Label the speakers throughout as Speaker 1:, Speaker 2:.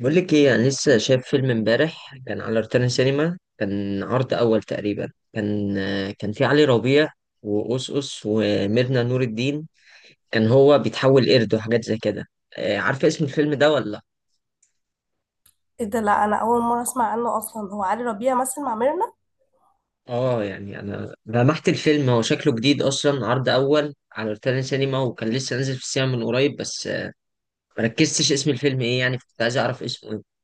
Speaker 1: بقول لك ايه، انا لسه شايف فيلم امبارح كان على روتانا سينما، كان عرض اول تقريبا. كان في علي ربيع وأوس أوس وميرنا نور الدين. كان هو بيتحول قرد وحاجات زي كده. آه، عارفه اسم الفيلم ده ولا لأ؟
Speaker 2: ايه ده! لا، انا اول مره اسمع عنه اصلا. هو علي ربيع مثل مع ميرنا؟
Speaker 1: اه يعني انا لمحت الفيلم، هو شكله جديد اصلا، عرض اول على روتانا سينما وكان لسه نازل في السينما من قريب، بس آه، مركزتش اسم الفيلم ايه، يعني كنت عايز اعرف اسمه إيه.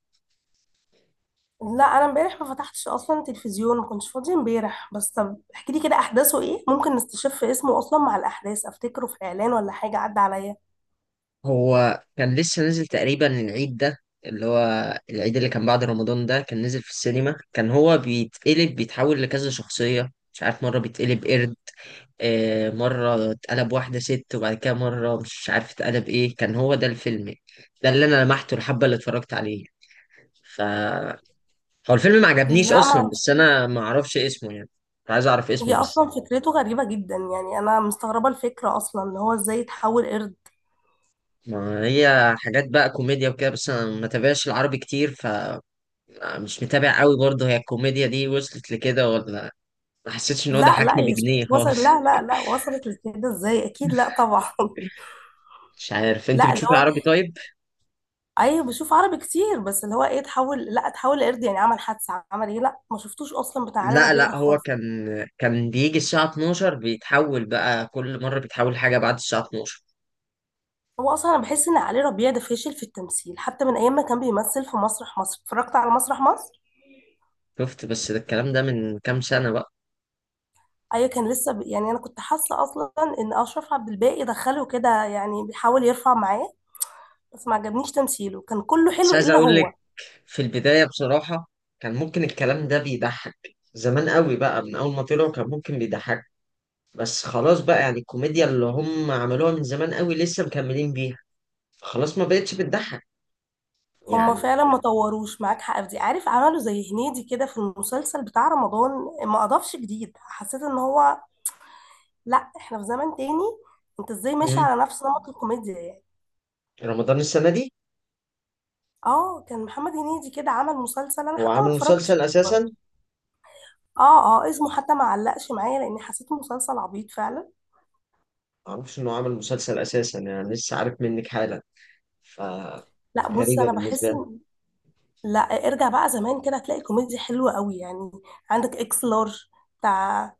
Speaker 2: لا، انا امبارح ما فتحتش اصلا تلفزيون، ما كنتش فاضيه امبارح. بس طب احكي لي كده احداثه ايه، ممكن نستشف اسمه اصلا مع الاحداث. افتكره في اعلان ولا حاجه عدى عليا؟
Speaker 1: هو كان لسه نازل تقريبا العيد ده، اللي هو العيد اللي كان بعد رمضان، ده كان نزل في السينما. كان هو بيتقلب، بيتحول لكذا شخصية، مش عارف، مرة بيتقلب قرد، آه، مرة اتقلب واحدة ست، وبعد كده مرة مش عارف اتقلب ايه. كان هو ده الفيلم ده اللي انا لمحته الحبة اللي اتفرجت عليه. ف هو الفيلم ما عجبنيش
Speaker 2: لا، ما
Speaker 1: اصلا، بس
Speaker 2: اعرفوش.
Speaker 1: انا ما اعرفش اسمه يعني. كنت عايز اعرف
Speaker 2: هي
Speaker 1: اسمه بس.
Speaker 2: اصلا فكرته غريبه جدا، يعني انا مستغربه الفكره اصلا، ان هو ازاي يتحول قرد؟
Speaker 1: ما هي حاجات بقى كوميديا وكده، بس انا ما تابعش العربي كتير. ف مش متابع قوي برضه. هي الكوميديا دي وصلت لكده ولا ما حسيتش ان هو
Speaker 2: لا لا
Speaker 1: ضحكني
Speaker 2: يا شيخ،
Speaker 1: بجنيه
Speaker 2: وصل؟
Speaker 1: خالص.
Speaker 2: لا لا لا، وصلت لكده ازاي؟ اكيد لا، طبعا.
Speaker 1: مش عارف، انت
Speaker 2: لا، اللي
Speaker 1: بتشوفي
Speaker 2: هو،
Speaker 1: عربي طيب؟
Speaker 2: ايوه بشوف عربي كتير. بس اللي هو ايه، اتحول، لا اتحول لقرد؟ يعني عمل حادثه، عمل ايه؟ لا، ما شفتوش اصلا بتاع علي
Speaker 1: لا
Speaker 2: ربيع ده
Speaker 1: لا، هو
Speaker 2: خالص.
Speaker 1: كان، كان بيجي الساعة 12، بيتحول بقى كل مرة بيتحول حاجة بعد الساعة 12.
Speaker 2: هو اصلا انا بحس ان علي ربيع ده فاشل في التمثيل، حتى من ايام ما كان بيمثل في مسرح مصر. اتفرجت على مسرح مصر،
Speaker 1: شفت، بس ده الكلام ده من كام سنة بقى.
Speaker 2: ايوه، كان لسه يعني انا كنت حاسه اصلا ان اشرف عبد الباقي دخله كده، يعني بيحاول يرفع معاه. بس ما عجبنيش تمثيله، كان كله
Speaker 1: بس
Speaker 2: حلو
Speaker 1: عايز
Speaker 2: الا
Speaker 1: اقول لك،
Speaker 2: هو.
Speaker 1: في البداية بصراحة كان ممكن الكلام ده بيضحك، زمان قوي بقى، من اول ما طلعوا كان ممكن بيضحك، بس خلاص بقى. يعني الكوميديا اللي هم عملوها من زمان قوي لسه مكملين بيها، خلاص ما بقتش بتضحك
Speaker 2: هما
Speaker 1: يعني.
Speaker 2: فعلا ما طوروش، معاك حق في دي. عارف، عملوا زي هنيدي كده في المسلسل بتاع رمضان، ما اضافش جديد. حسيت ان هو، لا، احنا في زمن تاني. انت ازاي ماشي
Speaker 1: مم.
Speaker 2: على نفس نمط الكوميديا يعني؟
Speaker 1: رمضان السنة دي
Speaker 2: اه، كان محمد هنيدي كده عمل مسلسل، انا
Speaker 1: هو
Speaker 2: حتى ما
Speaker 1: عامل
Speaker 2: اتفرجتش
Speaker 1: مسلسل
Speaker 2: عليه
Speaker 1: أساسا.
Speaker 2: برضه. اه اه، اسمه حتى ما علقش معايا، لان حسيته مسلسل عبيط فعلا.
Speaker 1: معرفش إنه عامل مسلسل أساسا، يعني لسه عارف منك حالا. ف
Speaker 2: لا بص،
Speaker 1: غريبة
Speaker 2: انا
Speaker 1: بالنسبة
Speaker 2: بحس
Speaker 1: لي.
Speaker 2: ان، لا ارجع بقى زمان كده هتلاقي كوميديا حلوه قوي يعني. عندك اكس لارج بتاع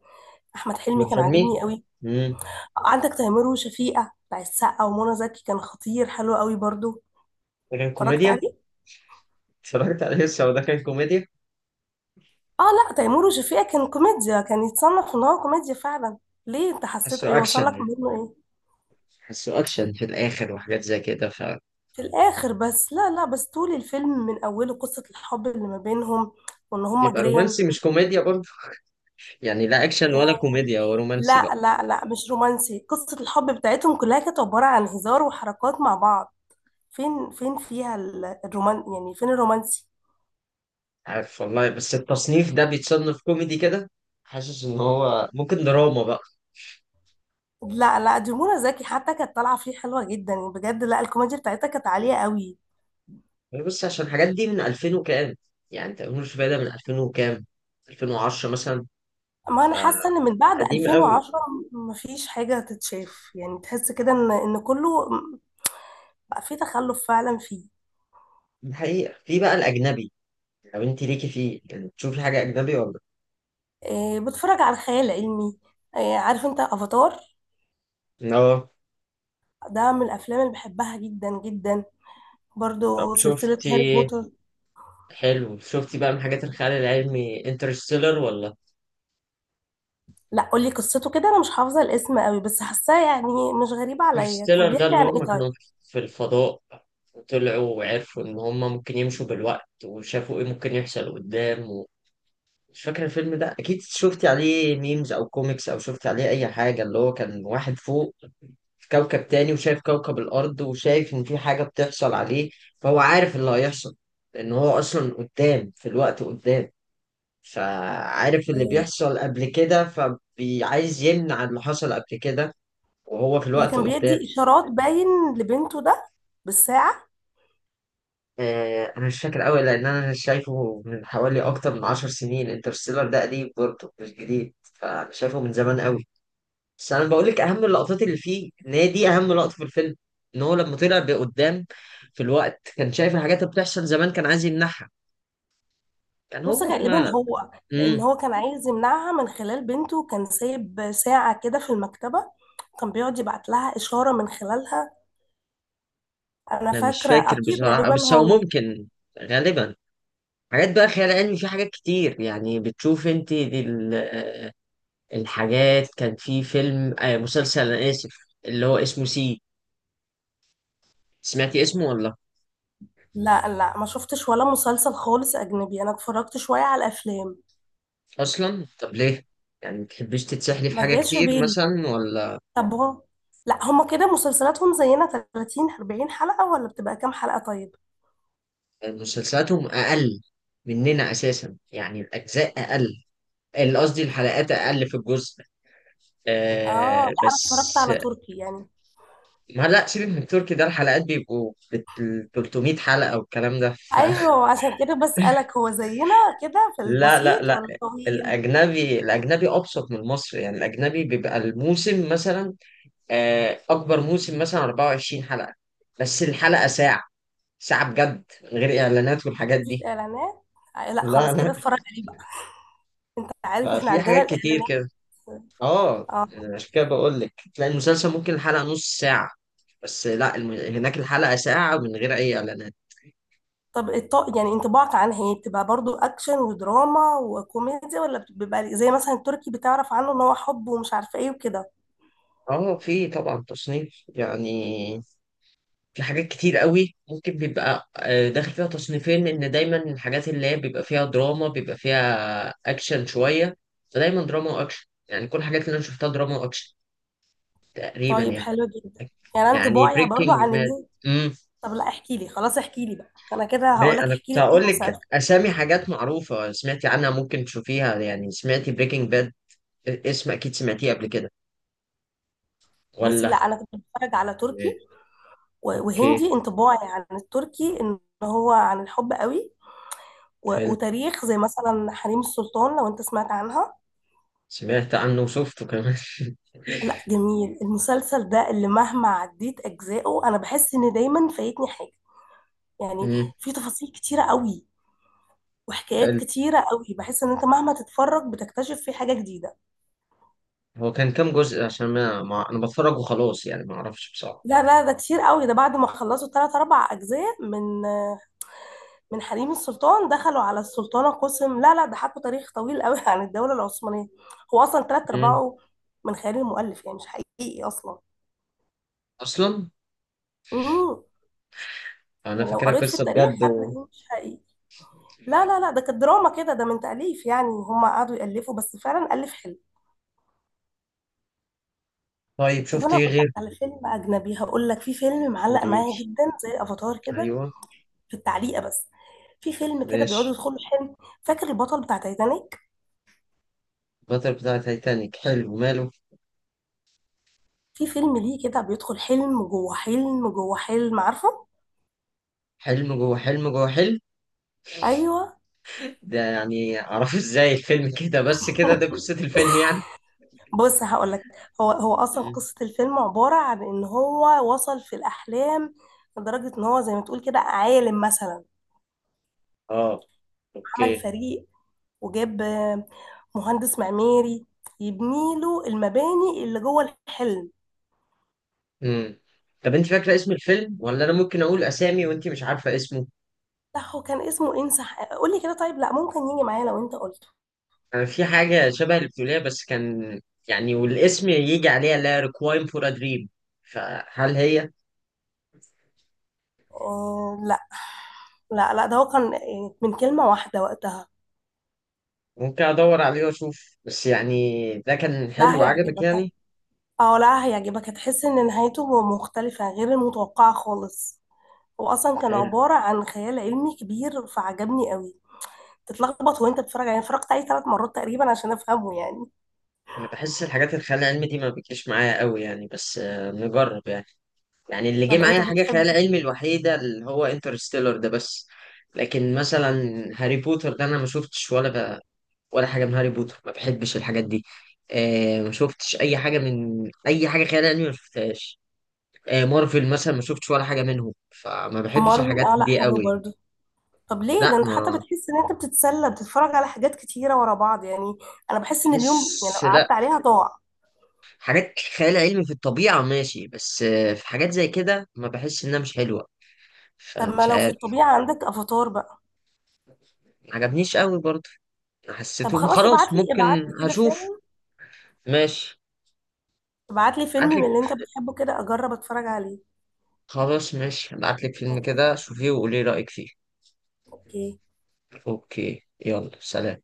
Speaker 2: احمد
Speaker 1: أحمد
Speaker 2: حلمي، كان
Speaker 1: حلمي.
Speaker 2: عاجبني قوي.
Speaker 1: مم.
Speaker 2: عندك تيمور وشفيقة بتاع السقا ومنى زكي، كان خطير، حلو قوي برضه.
Speaker 1: ده كان
Speaker 2: اتفرجت
Speaker 1: كوميديا.
Speaker 2: عليه.
Speaker 1: اتفرجت عليه لسه، وده كان كوميديا.
Speaker 2: اه، لا تيمور وشفيقة كان كوميديا، كان يتصنف ان هو كوميديا فعلا. ليه، انت حسيته ايه؟
Speaker 1: حسه
Speaker 2: وصل
Speaker 1: أكشن
Speaker 2: لك
Speaker 1: يعني،
Speaker 2: منه ايه؟
Speaker 1: حسه أكشن في الآخر وحاجات زي كده. ف
Speaker 2: في الاخر بس؟ لا لا، بس طول الفيلم من اوله قصة الحب اللي ما بينهم، وان هما
Speaker 1: يبقى
Speaker 2: جيران.
Speaker 1: رومانسي مش كوميديا برضه. يعني لا أكشن
Speaker 2: إيه؟
Speaker 1: ولا كوميديا، هو رومانسي
Speaker 2: لا
Speaker 1: بقى.
Speaker 2: لا لا، مش رومانسي. قصة الحب بتاعتهم كلها كانت عبارة عن هزار وحركات مع بعض. فين فيها الرومان يعني، فين الرومانسي؟
Speaker 1: عارف والله، بس التصنيف ده بيتصنف كوميدي كده. حاسس إن هو ممكن دراما بقى.
Speaker 2: لا لا، دي منى زكي حتى كانت طالعة فيه حلوة جدا يعني، بجد. لا، الكوميديا بتاعتها كانت عالية قوي.
Speaker 1: يعني بص، عشان الحاجات دي من 2000 وكام، يعني انت مش بادئ من 2000 وكام، 2010 مثلا.
Speaker 2: ما انا حاسه ان
Speaker 1: فقديم
Speaker 2: من بعد
Speaker 1: قوي.
Speaker 2: 2010 مفيش حاجه تتشاف، يعني تحس كده ان كله بقى فيه تخلف فعلا فيه.
Speaker 1: دي حقيقة. في بقى الأجنبي، لو أنت ليكي فيه، يعني تشوفي حاجة أجنبي ولا؟
Speaker 2: إيه، بتفرج على الخيال العلمي. إيه، عارف انت افاتار؟
Speaker 1: اه.
Speaker 2: ده من الافلام اللي بحبها جدا جدا.
Speaker 1: طب
Speaker 2: برضو سلسله
Speaker 1: شفتي،
Speaker 2: هاري بوتر.
Speaker 1: حلو. شفتي بقى من حاجات الخيال العلمي انترستيلر ولا؟
Speaker 2: لا، قولي قصته كده، انا مش حافظه الاسم قوي، بس حاساه يعني مش غريبه عليا. كان
Speaker 1: انترستيلر، ده
Speaker 2: بيحكي
Speaker 1: اللي
Speaker 2: عن ايه
Speaker 1: هم
Speaker 2: طيب؟
Speaker 1: كانوا في الفضاء، وطلعوا وعرفوا إن هم ممكن يمشوا بالوقت، وشافوا إيه ممكن يحصل قدام. مش فاكر الفيلم ده، اكيد شفتي عليه ميمز او كوميكس او شفتي عليه اي حاجه. اللي هو كان واحد فوق في كوكب تاني، وشايف كوكب الارض، وشايف ان في حاجه بتحصل عليه، فهو عارف اللي هيحصل، لان هو اصلا قدام في الوقت قدام، فعارف اللي
Speaker 2: إيه،
Speaker 1: بيحصل قبل كده، فبيعايز يمنع اللي حصل قبل كده وهو في
Speaker 2: اللي
Speaker 1: الوقت
Speaker 2: كان
Speaker 1: قدام.
Speaker 2: بيدي اشارات باين لبنته ده بالساعه؟
Speaker 1: آه، انا مش فاكر قوي، لان انا شايفه من حوالي اكتر من 10 سنين. انترستيلر ده قديم برضه، مش جديد، فانا شايفه من زمان قوي. بس انا بقول لك اهم اللقطات اللي فيه، ان هي دي اهم لقطه في الفيلم، ان هو لما طلع بقدام في الوقت، كان شايف الحاجات اللي بتحصل زمان، كان عايز يمنعها. كان
Speaker 2: بص،
Speaker 1: هو في
Speaker 2: غالبا
Speaker 1: ما.
Speaker 2: هو، لان
Speaker 1: امم،
Speaker 2: هو كان عايز يمنعها من خلال بنته، كان سايب ساعة كده في المكتبة، كان بيقعد يبعت لها إشارة من خلالها. انا
Speaker 1: انا مش
Speaker 2: فاكرة
Speaker 1: فاكر
Speaker 2: اكيد
Speaker 1: بصراحه،
Speaker 2: غالبا
Speaker 1: بس هو
Speaker 2: هو.
Speaker 1: ممكن، غالبا. حاجات بقى خيال علمي، في حاجات كتير يعني بتشوف انت، دي ال- آه، الحاجات. كان في فيلم آه، مسلسل، انا اسف، اللي هو اسمه سي، سمعتي اسمه ولا؟
Speaker 2: لا لا، ما شفتش ولا مسلسل خالص اجنبي. انا اتفرجت شوية على الافلام.
Speaker 1: اصلا طب ليه؟ يعني ما بتحبيش تتسحلي في
Speaker 2: ما
Speaker 1: حاجه
Speaker 2: جاش في
Speaker 1: كتير
Speaker 2: بالي.
Speaker 1: مثلا ولا؟
Speaker 2: طب هو، لا هما كده مسلسلاتهم زينا؟ 30، 40 حلقة ولا بتبقى كام حلقة طيب؟
Speaker 1: مسلسلاتهم اقل مننا اساسا، يعني الاجزاء اقل، قصدي الحلقات اقل في الجزء.
Speaker 2: اه،
Speaker 1: آه
Speaker 2: لا انا اتفرجت
Speaker 1: بس،
Speaker 2: على تركي يعني.
Speaker 1: ما لا سيبك من التركي ده، الحلقات بيبقوا بال 300 حلقة والكلام ده، فلا.
Speaker 2: ايوه، عشان كده بسألك، هو زينا كده في
Speaker 1: لا لا
Speaker 2: البسيط
Speaker 1: لا.
Speaker 2: ولا الطويل؟
Speaker 1: الاجنبي، الاجنبي ابسط من المصري، يعني الاجنبي بيبقى الموسم مثلا آه اكبر موسم مثلا 24 حلقة، بس الحلقة ساعة، ساعة بجد من غير اعلانات والحاجات
Speaker 2: مفيش
Speaker 1: دي.
Speaker 2: اعلانات؟ لا
Speaker 1: لا
Speaker 2: خلاص كده
Speaker 1: لا.
Speaker 2: اتفرج عليه بقى. انت عارف، احنا
Speaker 1: ففي
Speaker 2: عندنا
Speaker 1: حاجات كتير كده.
Speaker 2: الاعلانات.
Speaker 1: اه،
Speaker 2: اه.
Speaker 1: عشان كده بقول لك تلاقي المسلسل ممكن الحلقة نص ساعة، بس لا، هناك الحلقة ساعة من غير أي إعلانات.
Speaker 2: طب يعني انطباعك عنها، هي بتبقى برضو اكشن ودراما وكوميديا، ولا بيبقى زي مثلا التركي، بتعرف عنه ان هو حب ومش عارفه ايه وكده؟
Speaker 1: اه في طبعا تصنيف، يعني في حاجات كتير قوي ممكن بيبقى آه، داخل فيها تصنيفين، لأن دايما الحاجات اللي هي بيبقى فيها دراما بيبقى فيها أكشن شوية. فدايما دراما وأكشن، يعني كل الحاجات اللي أنا شفتها دراما وأكشن تقريبا
Speaker 2: طيب
Speaker 1: يعني.
Speaker 2: حلو جدا. يعني انا
Speaker 1: يعني
Speaker 2: انطباعي برضو
Speaker 1: بريكنج
Speaker 2: عن
Speaker 1: باد.
Speaker 2: اللي. طب لا، احكي لي، خلاص احكي لي بقى. انا كده
Speaker 1: ما
Speaker 2: هقول لك،
Speaker 1: انا
Speaker 2: احكي
Speaker 1: كنت
Speaker 2: لي اي
Speaker 1: هقول لك
Speaker 2: مسلسل.
Speaker 1: اسامي حاجات معروفه سمعتي عنها ممكن تشوفيها، يعني سمعتي بريكنج باد؟ اسم اكيد سمعتيه قبل كده
Speaker 2: بص
Speaker 1: ولا؟
Speaker 2: لا، انا كنت بتفرج على
Speaker 1: إيه.
Speaker 2: تركي.
Speaker 1: اوكي.
Speaker 2: وهندي. انطباعي عن التركي ان هو عن الحب قوي.
Speaker 1: حلو،
Speaker 2: وتاريخ، زي مثلا حريم السلطان لو انت سمعت عنها.
Speaker 1: سمعت عنه وشفته كمان.
Speaker 2: لا جميل المسلسل ده. اللي مهما عديت اجزائه، انا بحس ان دايما فايتني حاجه يعني.
Speaker 1: امم.
Speaker 2: في تفاصيل كتيره قوي وحكايات
Speaker 1: حلو.
Speaker 2: كتيره قوي، بحس ان انت مهما تتفرج بتكتشف فيه حاجه جديده.
Speaker 1: هو كان كام جزء؟ عشان انا بتفرج وخلاص يعني، ما اعرفش بصراحه.
Speaker 2: لا لا، ده كتير قوي. ده بعد ما خلصوا ثلاث اربع اجزاء من حريم السلطان، دخلوا على السلطانه قسم. لا لا، ده حكوا تاريخ طويل قوي عن الدوله العثمانيه. هو اصلا ثلاث
Speaker 1: امم
Speaker 2: ارباعه من خيال المؤلف، يعني مش حقيقي اصلا.
Speaker 1: اصلا.
Speaker 2: مم.
Speaker 1: انا
Speaker 2: يعني لو
Speaker 1: فاكرها
Speaker 2: قريت في
Speaker 1: قصه
Speaker 2: التاريخ
Speaker 1: بجد و...
Speaker 2: هتلاقيه مش حقيقي. لا لا لا، ده كانت دراما كده، ده من تأليف. يعني هم قعدوا يألفوا، بس فعلا ألف حلو.
Speaker 1: طيب
Speaker 2: طب
Speaker 1: شفتي
Speaker 2: أنا
Speaker 1: ايه
Speaker 2: هقول لك
Speaker 1: غير؟
Speaker 2: على فيلم أجنبي، هقول لك في فيلم معلق
Speaker 1: قوليلي.
Speaker 2: معايا جدا زي أفاتار كده،
Speaker 1: ايوه.
Speaker 2: في التعليقة بس. في فيلم كده بيقعدوا
Speaker 1: ماشي.
Speaker 2: يدخلوا حلم. فاكر البطل بتاع تايتانيك؟
Speaker 1: البطل بتاع تايتانيك، حلو ماله.
Speaker 2: في فيلم ليه كده بيدخل حلم جوه حلم جوه حلم، عارفه؟
Speaker 1: حلم جوه حلم جوه حلم.
Speaker 2: ايوه.
Speaker 1: ده يعني اعرفه ازاي الفيلم كده بس كده؟ ده قصة الفيلم يعني.
Speaker 2: بص هقول لك. هو اصلا
Speaker 1: مم.
Speaker 2: قصه الفيلم عباره عن ان هو وصل في الاحلام، لدرجه ان هو زي ما تقول كده عالم مثلا.
Speaker 1: اه.
Speaker 2: عمل
Speaker 1: اوكي.
Speaker 2: فريق وجاب مهندس معماري يبني له المباني اللي جوه الحلم.
Speaker 1: امم. طب انت فاكرة اسم الفيلم، ولا انا ممكن اقول اسامي وانت مش عارفة اسمه؟
Speaker 2: بتاعه كان اسمه انسح، قولي كده طيب، لا ممكن يجي معايا لو انت قلته.
Speaker 1: انا في حاجة شبه اللي بتقوليها بس كان، يعني والاسم يجي عليها، اللي هي ريكوايم فور ا دريم، فهل هي؟
Speaker 2: آه، لا لا لا، ده هو كان من كلمة واحدة وقتها.
Speaker 1: ممكن ادور عليه واشوف. بس يعني ده كان حلو
Speaker 2: لا
Speaker 1: عجبك
Speaker 2: هيعجبك.
Speaker 1: يعني؟
Speaker 2: اه، لا هيعجبك، هتحس ان نهايته مختلفة، غير المتوقعة خالص. هو اصلا كان
Speaker 1: حلو.
Speaker 2: عبارة عن خيال علمي كبير، فعجبني قوي. تتلخبط وانت بتتفرج، يعني اتفرجت عليه ثلاث مرات تقريبا عشان افهمه يعني.
Speaker 1: انا بحس الحاجات الخيال العلمي دي ما بتجيش معايا قوي يعني، بس آه، نجرب يعني. يعني اللي جه
Speaker 2: طب انت
Speaker 1: معايا حاجة
Speaker 2: بتحب.
Speaker 1: خيال علمي الوحيدة اللي هو انترستيلر ده بس. لكن مثلا هاري بوتر ده أنا ما شفتش ولا ب... ولا حاجة من هاري بوتر، ما بحبش الحاجات دي. آه، ما شفتش أي حاجة من أي حاجة خيال علمي، ما شفتهاش. آه، مارفل مثلا ما شفتش ولا حاجة منهم، فما بحبش
Speaker 2: مارفن،
Speaker 1: الحاجات
Speaker 2: اه لا
Speaker 1: دي
Speaker 2: حلو
Speaker 1: قوي.
Speaker 2: برضو. طب ليه؟
Speaker 1: لا،
Speaker 2: ده انت حتى
Speaker 1: ما
Speaker 2: بتحس ان انت بتتسلى، بتتفرج على حاجات كتيرة ورا بعض يعني. انا بحس ان اليوم يعني
Speaker 1: بحس،
Speaker 2: لو
Speaker 1: لا.
Speaker 2: قعدت عليها ضاع.
Speaker 1: حاجات خيال علمي في الطبيعة ماشي، بس آه في حاجات زي كده ما بحس، إنها مش حلوة،
Speaker 2: طب ما
Speaker 1: فمش
Speaker 2: لو في
Speaker 1: عارف.
Speaker 2: الطبيعة، عندك افاتار بقى.
Speaker 1: ما عجبنيش قوي برضه،
Speaker 2: طب
Speaker 1: حسيته
Speaker 2: خلاص،
Speaker 1: خلاص
Speaker 2: ابعت لي
Speaker 1: ممكن.
Speaker 2: ابعت لي كده
Speaker 1: هشوف.
Speaker 2: فيلم.
Speaker 1: ماشي.
Speaker 2: ابعت لي فيلم من
Speaker 1: ابعتلك.
Speaker 2: اللي انت بتحبه كده، اجرب اتفرج عليه.
Speaker 1: خلاص ماشي، ابعتلك فيلم كده، شوفيه وقولي رأيك فيه.
Speaker 2: اوكي.
Speaker 1: اوكي. يلا، سلام.